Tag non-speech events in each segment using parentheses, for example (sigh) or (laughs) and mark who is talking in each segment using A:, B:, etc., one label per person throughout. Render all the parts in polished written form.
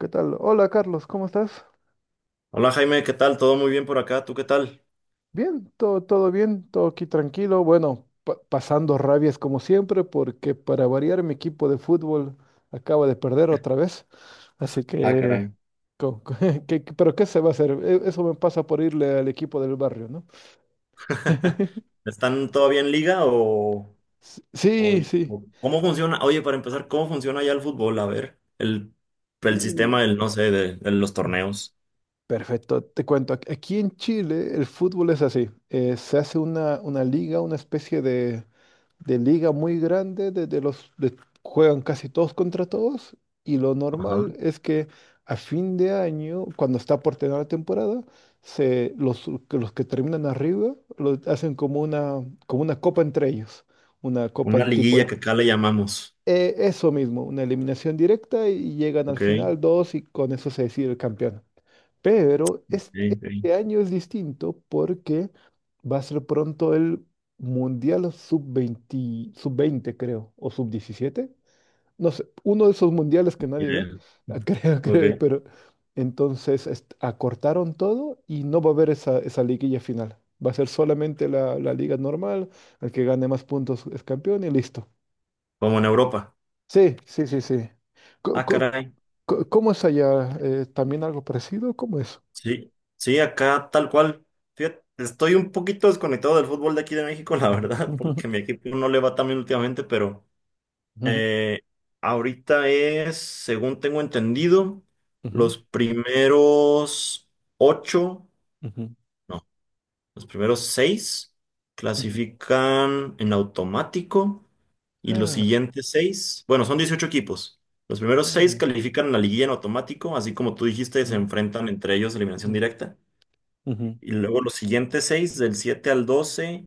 A: ¿Qué tal? Hola Carlos, ¿cómo estás?
B: Hola Jaime, ¿qué tal? ¿Todo muy bien por acá? ¿Tú qué tal?
A: Bien, todo bien, todo aquí tranquilo. Bueno, pasando rabias como siempre, porque para variar mi equipo de fútbol acaba de perder otra vez. Así
B: Ah,
A: que,
B: caray.
A: co- co- (laughs) pero ¿qué se va a hacer? Eso me pasa por irle al equipo del barrio, ¿no? (laughs)
B: (laughs) ¿Están todavía en liga o-
A: Sí, sí.
B: o cómo funciona? Oye, para empezar, ¿cómo funciona ya el fútbol? A ver, el sistema del, no sé, de los
A: Uh.
B: torneos.
A: Perfecto, te cuento, aquí en Chile el fútbol es así, se hace una liga, una especie de liga muy grande, de, juegan casi todos contra todos y lo normal
B: Ajá.
A: es que a fin de año, cuando está por terminar la temporada, se, los que terminan arriba lo hacen como una copa entre ellos, una copa
B: Una
A: de
B: liguilla que acá le llamamos.
A: eso mismo, una eliminación directa y llegan al
B: Ok,
A: final dos y con eso se decide el campeón. Pero este,
B: ok, ok.
A: este año es distinto porque va a ser pronto el Mundial sub-20 sub-20 creo, o sub-17. No sé, uno de esos mundiales que nadie ve,
B: Bien.
A: (laughs)
B: Ok,
A: pero entonces acortaron todo y no va a haber esa, esa liguilla final. Va a ser solamente la, la liga normal, el que gane más puntos es campeón y listo.
B: como en Europa.
A: Sí, sí, sí, sí. Co-
B: Ah,
A: co-
B: caray.
A: ¿Cómo es allá? ¿También algo parecido? ¿Cómo es?
B: Sí, sí, acá tal cual. Fíjate, estoy un poquito desconectado del fútbol de aquí de México, (laughs) la verdad,
A: (laughs)
B: porque mi equipo no le va tan bien últimamente, pero... Eh, ahorita es, según tengo entendido,
A: Ujú,
B: los primeros ocho,
A: ujú,
B: no, los primeros seis
A: ujú.
B: clasifican en automático y los
A: Ah,
B: siguientes seis, bueno, son 18 equipos. Los primeros
A: ah,
B: seis
A: ya.
B: califican a la liguilla en automático, así como tú dijiste, se
A: Mm,
B: enfrentan entre ellos eliminación
A: mm,
B: directa.
A: ujú,
B: Y luego los siguientes seis, del 7 al 12,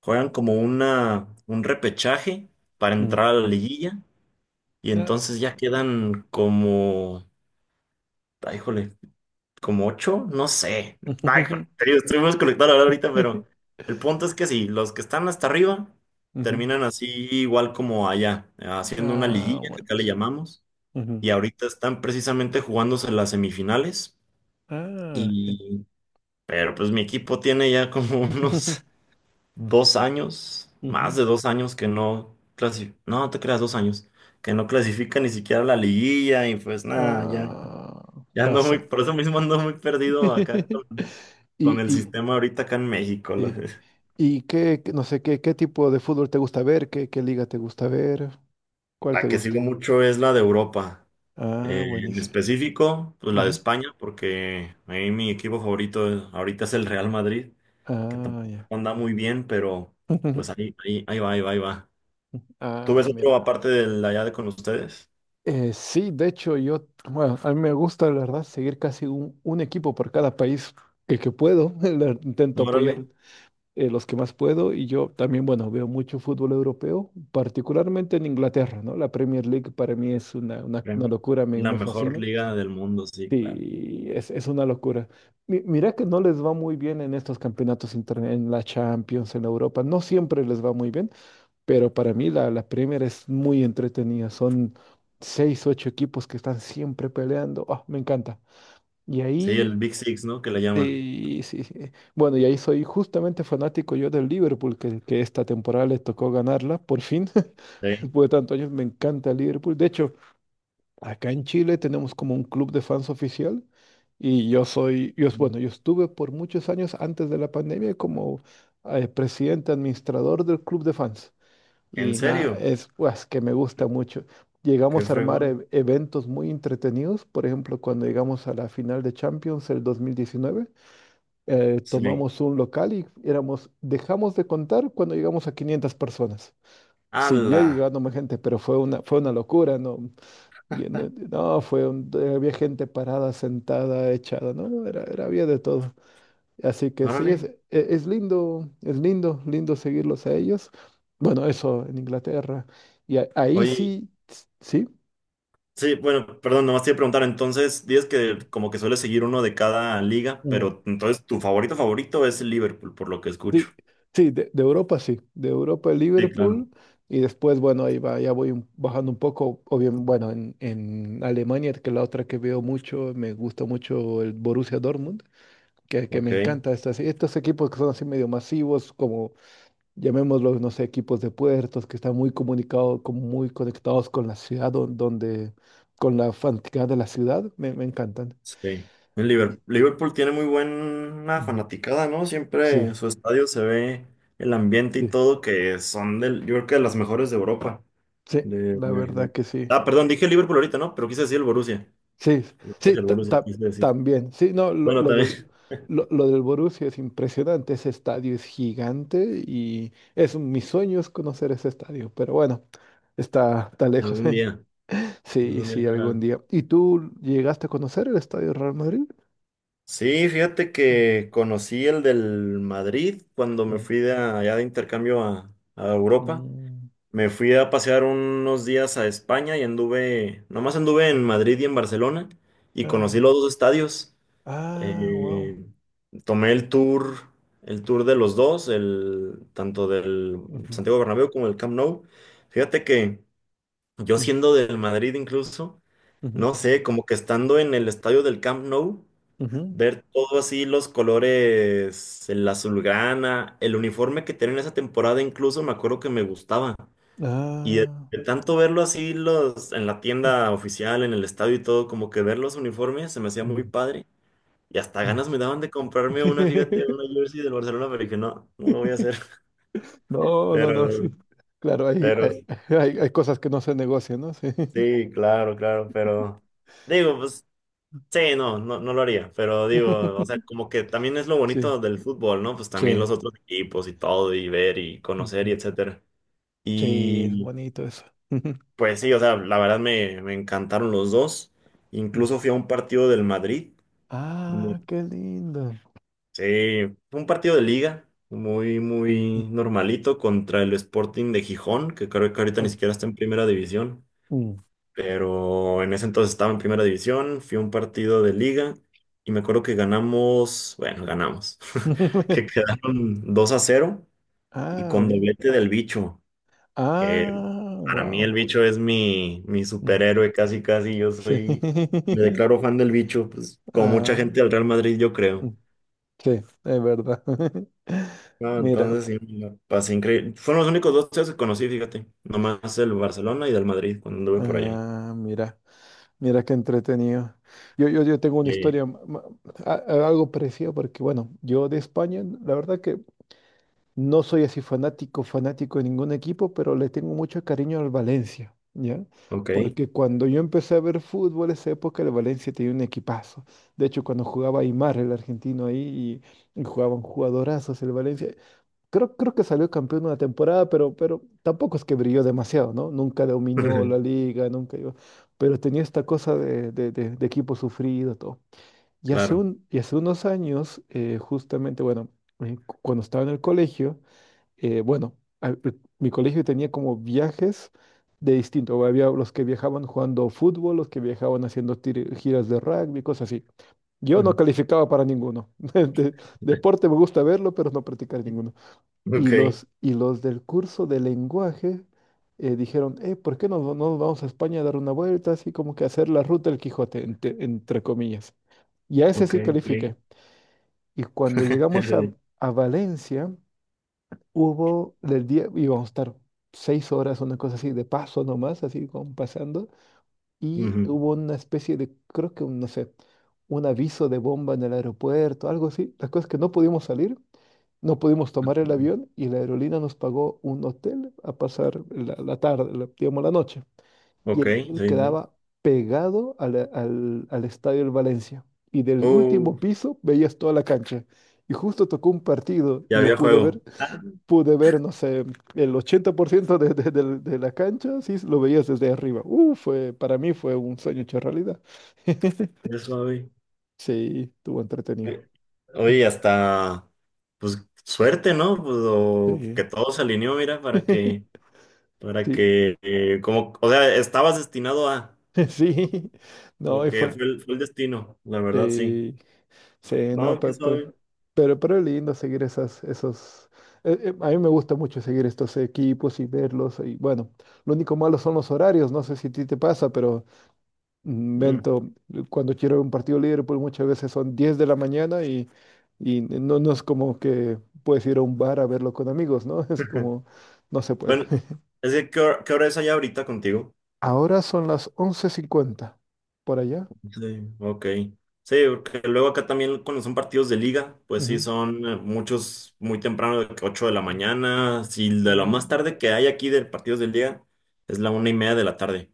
B: juegan como un repechaje para entrar
A: mm.
B: a la liguilla. Y
A: Ah,
B: entonces ya quedan como, ay, híjole, como ocho, no sé. Ay, híjole,
A: ujú,
B: te digo, estoy muy desconectado ahora
A: ujú.
B: ahorita, pero
A: (laughs)
B: el punto es que sí, los que están hasta arriba
A: ujú.
B: terminan así igual como allá, haciendo una
A: Ah,
B: liguilla, que acá le
A: buenísimo.
B: llamamos,
A: Ujú.
B: y ahorita están precisamente jugándose las semifinales,
A: Ah,
B: y, pero pues mi equipo tiene ya como (laughs)
A: (laughs)
B: unos 2 años, más
A: Ujú.
B: de 2 años que no clasifica, no, no te creas, 2 años que no clasifica ni siquiera a la liguilla y pues nada, ya.
A: Ah,
B: Ya ando muy,
A: pasa.
B: por eso mismo ando muy perdido acá con,
A: (laughs) Y,
B: el
A: y,
B: sistema ahorita acá en México.
A: y, y qué, no sé, qué, qué tipo de fútbol te gusta ver, qué, qué liga te gusta ver, cuál te
B: La que
A: gusta.
B: sigo mucho es la de Europa.
A: Ah,
B: En
A: buenísimo.
B: específico, pues la de
A: Ujú.
B: España, porque ahí mi equipo favorito ahorita es el Real Madrid, que tampoco
A: Ah, ya.
B: anda muy bien, pero pues
A: (laughs)
B: ahí, ahí, ahí va, ahí va, ahí va. ¿Tú ves
A: Ah,
B: otro
A: mira.
B: aparte del allá de con ustedes?
A: Sí, de hecho, yo, bueno, a mí me gusta, la verdad, seguir casi un equipo por cada país que puedo. (laughs) Intento
B: Órale.
A: apoyar, los que más puedo, y yo también, bueno, veo mucho fútbol europeo, particularmente en Inglaterra, ¿no? La Premier League para mí es una
B: Premier-
A: locura, me,
B: la
A: me
B: mejor
A: fascina.
B: liga del mundo, sí, claro.
A: Sí, es una locura. Mira que no les va muy bien en estos campeonatos internet, en la Champions, en Europa, no siempre les va muy bien, pero para mí la, la Premier es muy entretenida. Son seis, ocho equipos que están siempre peleando. Ah, me encanta. Y
B: Sí, el
A: ahí,
B: Big Six, ¿no? Que le llaman.
A: sí, sí, sí. Bueno, y ahí soy justamente fanático yo del Liverpool, que esta temporada le tocó ganarla, por fin. (laughs)
B: Sí.
A: Después de tantos años me encanta el Liverpool. De hecho, acá en Chile tenemos como un club de fans oficial. Y yo soy, yo, bueno, yo estuve por muchos años antes de la pandemia como, presidente administrador del club de fans.
B: ¿En
A: Y nada,
B: serio?
A: es pues, que me gusta mucho.
B: Qué
A: Llegamos a armar
B: fregón.
A: eventos muy entretenidos. Por ejemplo, cuando llegamos a la final de Champions el 2019,
B: Sí.
A: tomamos un local y éramos, dejamos de contar cuando llegamos a 500 personas. Siguió
B: ¡Hala!
A: llegando más gente, pero fue una locura, ¿no? No, había gente parada, sentada, echada, ¿no? Era, era, había de todo. Así que sí, es,
B: Órale.
A: es lindo, lindo seguirlos a ellos. Bueno, eso en Inglaterra. Y ahí
B: Oye,
A: sí, sí.
B: sí, bueno, perdón, nomás te iba a preguntar. Entonces, dices que como que suele seguir uno de cada liga,
A: Mm.
B: pero entonces tu favorito favorito es el Liverpool, por lo que escucho.
A: Sí, sí, de Europa sí, de Europa
B: Sí, claro.
A: Liverpool. Y después, bueno, ahí va, ya voy bajando un poco, o bien, bueno, en Alemania, que la otra que veo mucho, me gusta mucho el Borussia Dortmund, que me
B: Ok,
A: encanta estos, estos equipos que son así medio masivos, como llamémoslos, no sé, equipos de puertos que están muy comunicados, como muy conectados con la ciudad, donde, con la fanaticada de la ciudad, me encantan.
B: sí. El
A: Y-
B: Liverpool, Liverpool tiene muy buena
A: Ujú.
B: fanaticada, ¿no? Siempre
A: Sí,
B: en su estadio se ve el ambiente y
A: sí,
B: todo, que son del, yo creo que de las mejores de Europa.
A: sí,
B: De,
A: la
B: de-
A: verdad que sí.
B: Ah, perdón, dije Liverpool ahorita, ¿no? Pero quise decir el Borussia.
A: Sí,
B: Pues
A: sí,
B: el Borussia, quise decir.
A: también. Sí, no,
B: Bueno, también.
A: lo del Borussia es impresionante, ese estadio es gigante y es mi sueño es conocer ese estadio, pero bueno, está, está
B: (laughs)
A: lejos.
B: Algún
A: (laughs)
B: día,
A: Sí,
B: algún día
A: sí, algún
B: hará.
A: día. ¿Y tú llegaste a conocer el estadio Real Madrid?
B: Sí, fíjate que conocí el del Madrid cuando me
A: Mm.
B: fui de allá de intercambio a Europa.
A: Mm,
B: Me fui a pasear unos días a España y nomás anduve en
A: mm.
B: Madrid y en Barcelona y conocí
A: Ah,
B: los dos estadios.
A: ah, wow.
B: Eh, tomé el tour de los dos, tanto del
A: Ujú,
B: Santiago Bernabéu como el Camp Nou. Fíjate que yo
A: ujú,
B: siendo del Madrid incluso,
A: ujú,
B: no sé, como que estando en el estadio del Camp Nou.
A: ujú.
B: Ver todo así, los colores, el azulgrana, el uniforme que tienen esa temporada, incluso me acuerdo que me gustaba. Y
A: Ah,
B: de tanto verlo así los, en la
A: mm,
B: tienda oficial, en el estadio y todo, como que ver los uniformes se me hacía muy
A: mm,
B: padre. Y hasta
A: mm.
B: ganas me daban de comprarme una, fíjate,
A: (laughs)
B: una jersey del Barcelona, pero dije, no, no lo voy a hacer. (laughs)
A: No, no, no. Sí.
B: Pero,
A: Claro, hay,
B: pero,
A: hay, hay, hay cosas que no se negocian, ¿no? Sí.
B: sí, claro, claro, pero digo, pues. Sí, no, no, no lo haría, pero digo, o sea,
A: (laughs)
B: como que también es lo
A: Sí,
B: bonito del fútbol, ¿no? Pues también
A: sí.
B: los otros equipos y todo, y ver y conocer y
A: Ujú.
B: etcétera.
A: Sí, es
B: Y
A: bonito eso. Ujú,
B: pues sí, o sea, la verdad me encantaron los dos.
A: mm.
B: Incluso fui a un partido del Madrid. Me-
A: Ah, qué lindo.
B: Sí, fue un partido de liga, muy,
A: Mm,
B: muy normalito contra el Sporting de Gijón, que creo que ahorita ni
A: ah,
B: siquiera está en primera división,
A: mm.
B: pero en ese entonces estaba en primera división, fui a un partido de liga y me acuerdo que ganamos, bueno, ganamos, (laughs) que
A: (laughs)
B: quedaron 2-0 y
A: Ah,
B: con
A: bien.
B: doblete del bicho, que
A: Ah,
B: para mí el
A: wow.
B: bicho es mi superhéroe casi casi,
A: Sí.
B: me
A: (laughs)
B: declaro fan del bicho, pues como mucha
A: Ah,
B: gente del Real Madrid yo
A: mm,
B: creo.
A: sí, es verdad. (laughs)
B: No,
A: Mira,
B: entonces sí, me la pasé increíble. Fueron los únicos dos tíos que conocí, fíjate. Nomás el Barcelona y del Madrid cuando anduve por allá.
A: ah, mira, mira qué entretenido. Yo tengo una
B: Sí.
A: historia, algo parecido, porque bueno, yo de España, la verdad que no soy así fanático, fanático de ningún equipo, pero le tengo mucho cariño al Valencia, ¿ya?
B: Ok.
A: Porque cuando yo empecé a ver fútbol, esa época el Valencia tenía un equipazo. De hecho, cuando jugaba Aymar, el argentino ahí, y jugaban jugadorazos el Valencia. Creo que salió campeón una temporada, pero tampoco es que brilló demasiado, ¿no? Nunca dominó la
B: (laughs)
A: liga, nunca iba. Pero tenía esta cosa de, de equipo sufrido, todo. Y hace
B: Claro.
A: un, y hace unos años, justamente, bueno, cuando estaba en el colegio, bueno, a- eh, mi colegio tenía como viajes de distinto. Había los que viajaban jugando fútbol, los que viajaban haciendo giras de rugby, cosas así. Yo no
B: (laughs)
A: calificaba para ninguno. (laughs) Deporte me gusta verlo, pero no practicar ninguno. Y
B: Ok,
A: los, y los del curso de lenguaje, dijeron, ¿por qué no, no nos vamos a España a dar una vuelta? Así como que hacer la ruta del Quijote, entre comillas. Y a ese
B: ok,
A: sí
B: ok.
A: califiqué. Y cuando llegamos
B: (laughs)
A: a Valencia, hubo del día, íbamos a estar 6 horas, una cosa así, de paso nomás, así como pasando y
B: Ujú.
A: hubo una especie de, creo que, un, no sé, un aviso de bomba en el aeropuerto, algo así. La cosa es que no pudimos salir, no pudimos tomar el avión y la aerolínea nos pagó un hotel a pasar la, la tarde, digamos la noche. Y
B: Ok,
A: el hotel
B: sí, sí.
A: quedaba pegado a al estadio del Valencia. Y del
B: Uh,
A: último piso veías toda la cancha. Y justo tocó un partido
B: ya
A: y yo
B: había
A: pude
B: juego.
A: ver,
B: Ah,
A: no sé, el 80% de, de la cancha, sí, lo veías desde arriba. Fue, para mí fue un sueño hecho realidad. (laughs)
B: qué suave.
A: Sí, estuvo entretenido.
B: Eh, Oye, hasta, pues, suerte, ¿no? Pues, o que
A: Sí.
B: todo se alineó, mira,
A: (laughs)
B: para
A: Sí,
B: que, como, o sea, estabas destinado a,
A: (laughs) sí, no,
B: como
A: y
B: que
A: fue,
B: fue el destino, la verdad, sí.
A: sí, sí, no,
B: No, qué suave.
A: pero, es lindo seguir esas, esos, a mí me gusta mucho seguir estos equipos y verlos, y bueno, lo único malo son los horarios, no sé si a ti te pasa, pero mm,
B: Mm.
A: Vento, cuando quiero ver un partido de Liverpool muchas veces son 10 de la mañana y no, no es como que puedes ir a un bar a verlo con amigos, ¿no? (laughs) Es
B: (laughs)
A: como, no se puede.
B: Bueno, es que, ¿qué hora es allá ahorita contigo?
A: Ahora son las 11:50 por allá.
B: Sí, ok. Sí, porque luego acá también cuando son partidos de liga, pues sí,
A: Ujú.
B: son muchos muy temprano, de que 8 de la mañana. Sí, de lo más
A: Mm.
B: tarde que hay aquí de partidos de liga es la 1:30 de la tarde.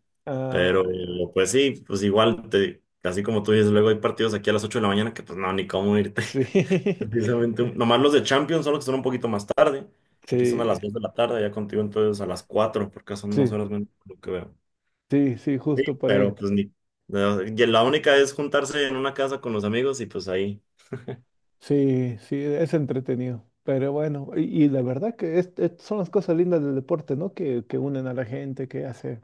B: Pero
A: Ah, ya.
B: pues sí, pues igual, así como tú dices, luego hay partidos aquí a las 8 de la mañana que pues no, ni cómo irte.
A: Sí. (laughs)
B: (laughs) Precisamente,
A: Co-
B: nomás los de Champions son los que son un poquito más tarde, que aquí son a
A: Sí.
B: las 2 de la tarde, ya contigo entonces a las 4 porque son dos
A: Sí,
B: horas menos lo que veo.
A: sí, sí,
B: Sí,
A: justo por ahí.
B: pero pues ni... no, y la única es juntarse en una casa con los amigos y pues ahí.
A: Sí, sí, es entretenido. Pero bueno, y la verdad que son las cosas lindas del deporte, ¿no? Que unen a la gente, que hace,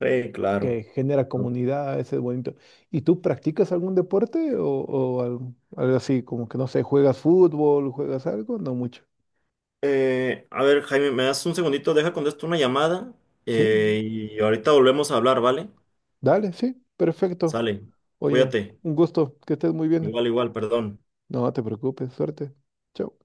B: Sí, claro.
A: que genera
B: ¿No?
A: comunidad, ese es bonito. ¿Y tú practicas algún deporte o algo, algo así, como que no sé, juegas fútbol, juegas algo? No mucho.
B: A ver, Jaime, me das un segundito, deja contesto una llamada
A: Sí,
B: y ahorita volvemos a hablar, ¿vale?
A: dale, sí, perfecto.
B: Sale,
A: Oye,
B: cuídate.
A: un gusto, que estés muy bien.
B: Igual, igual, perdón.
A: No te preocupes, suerte. Chao.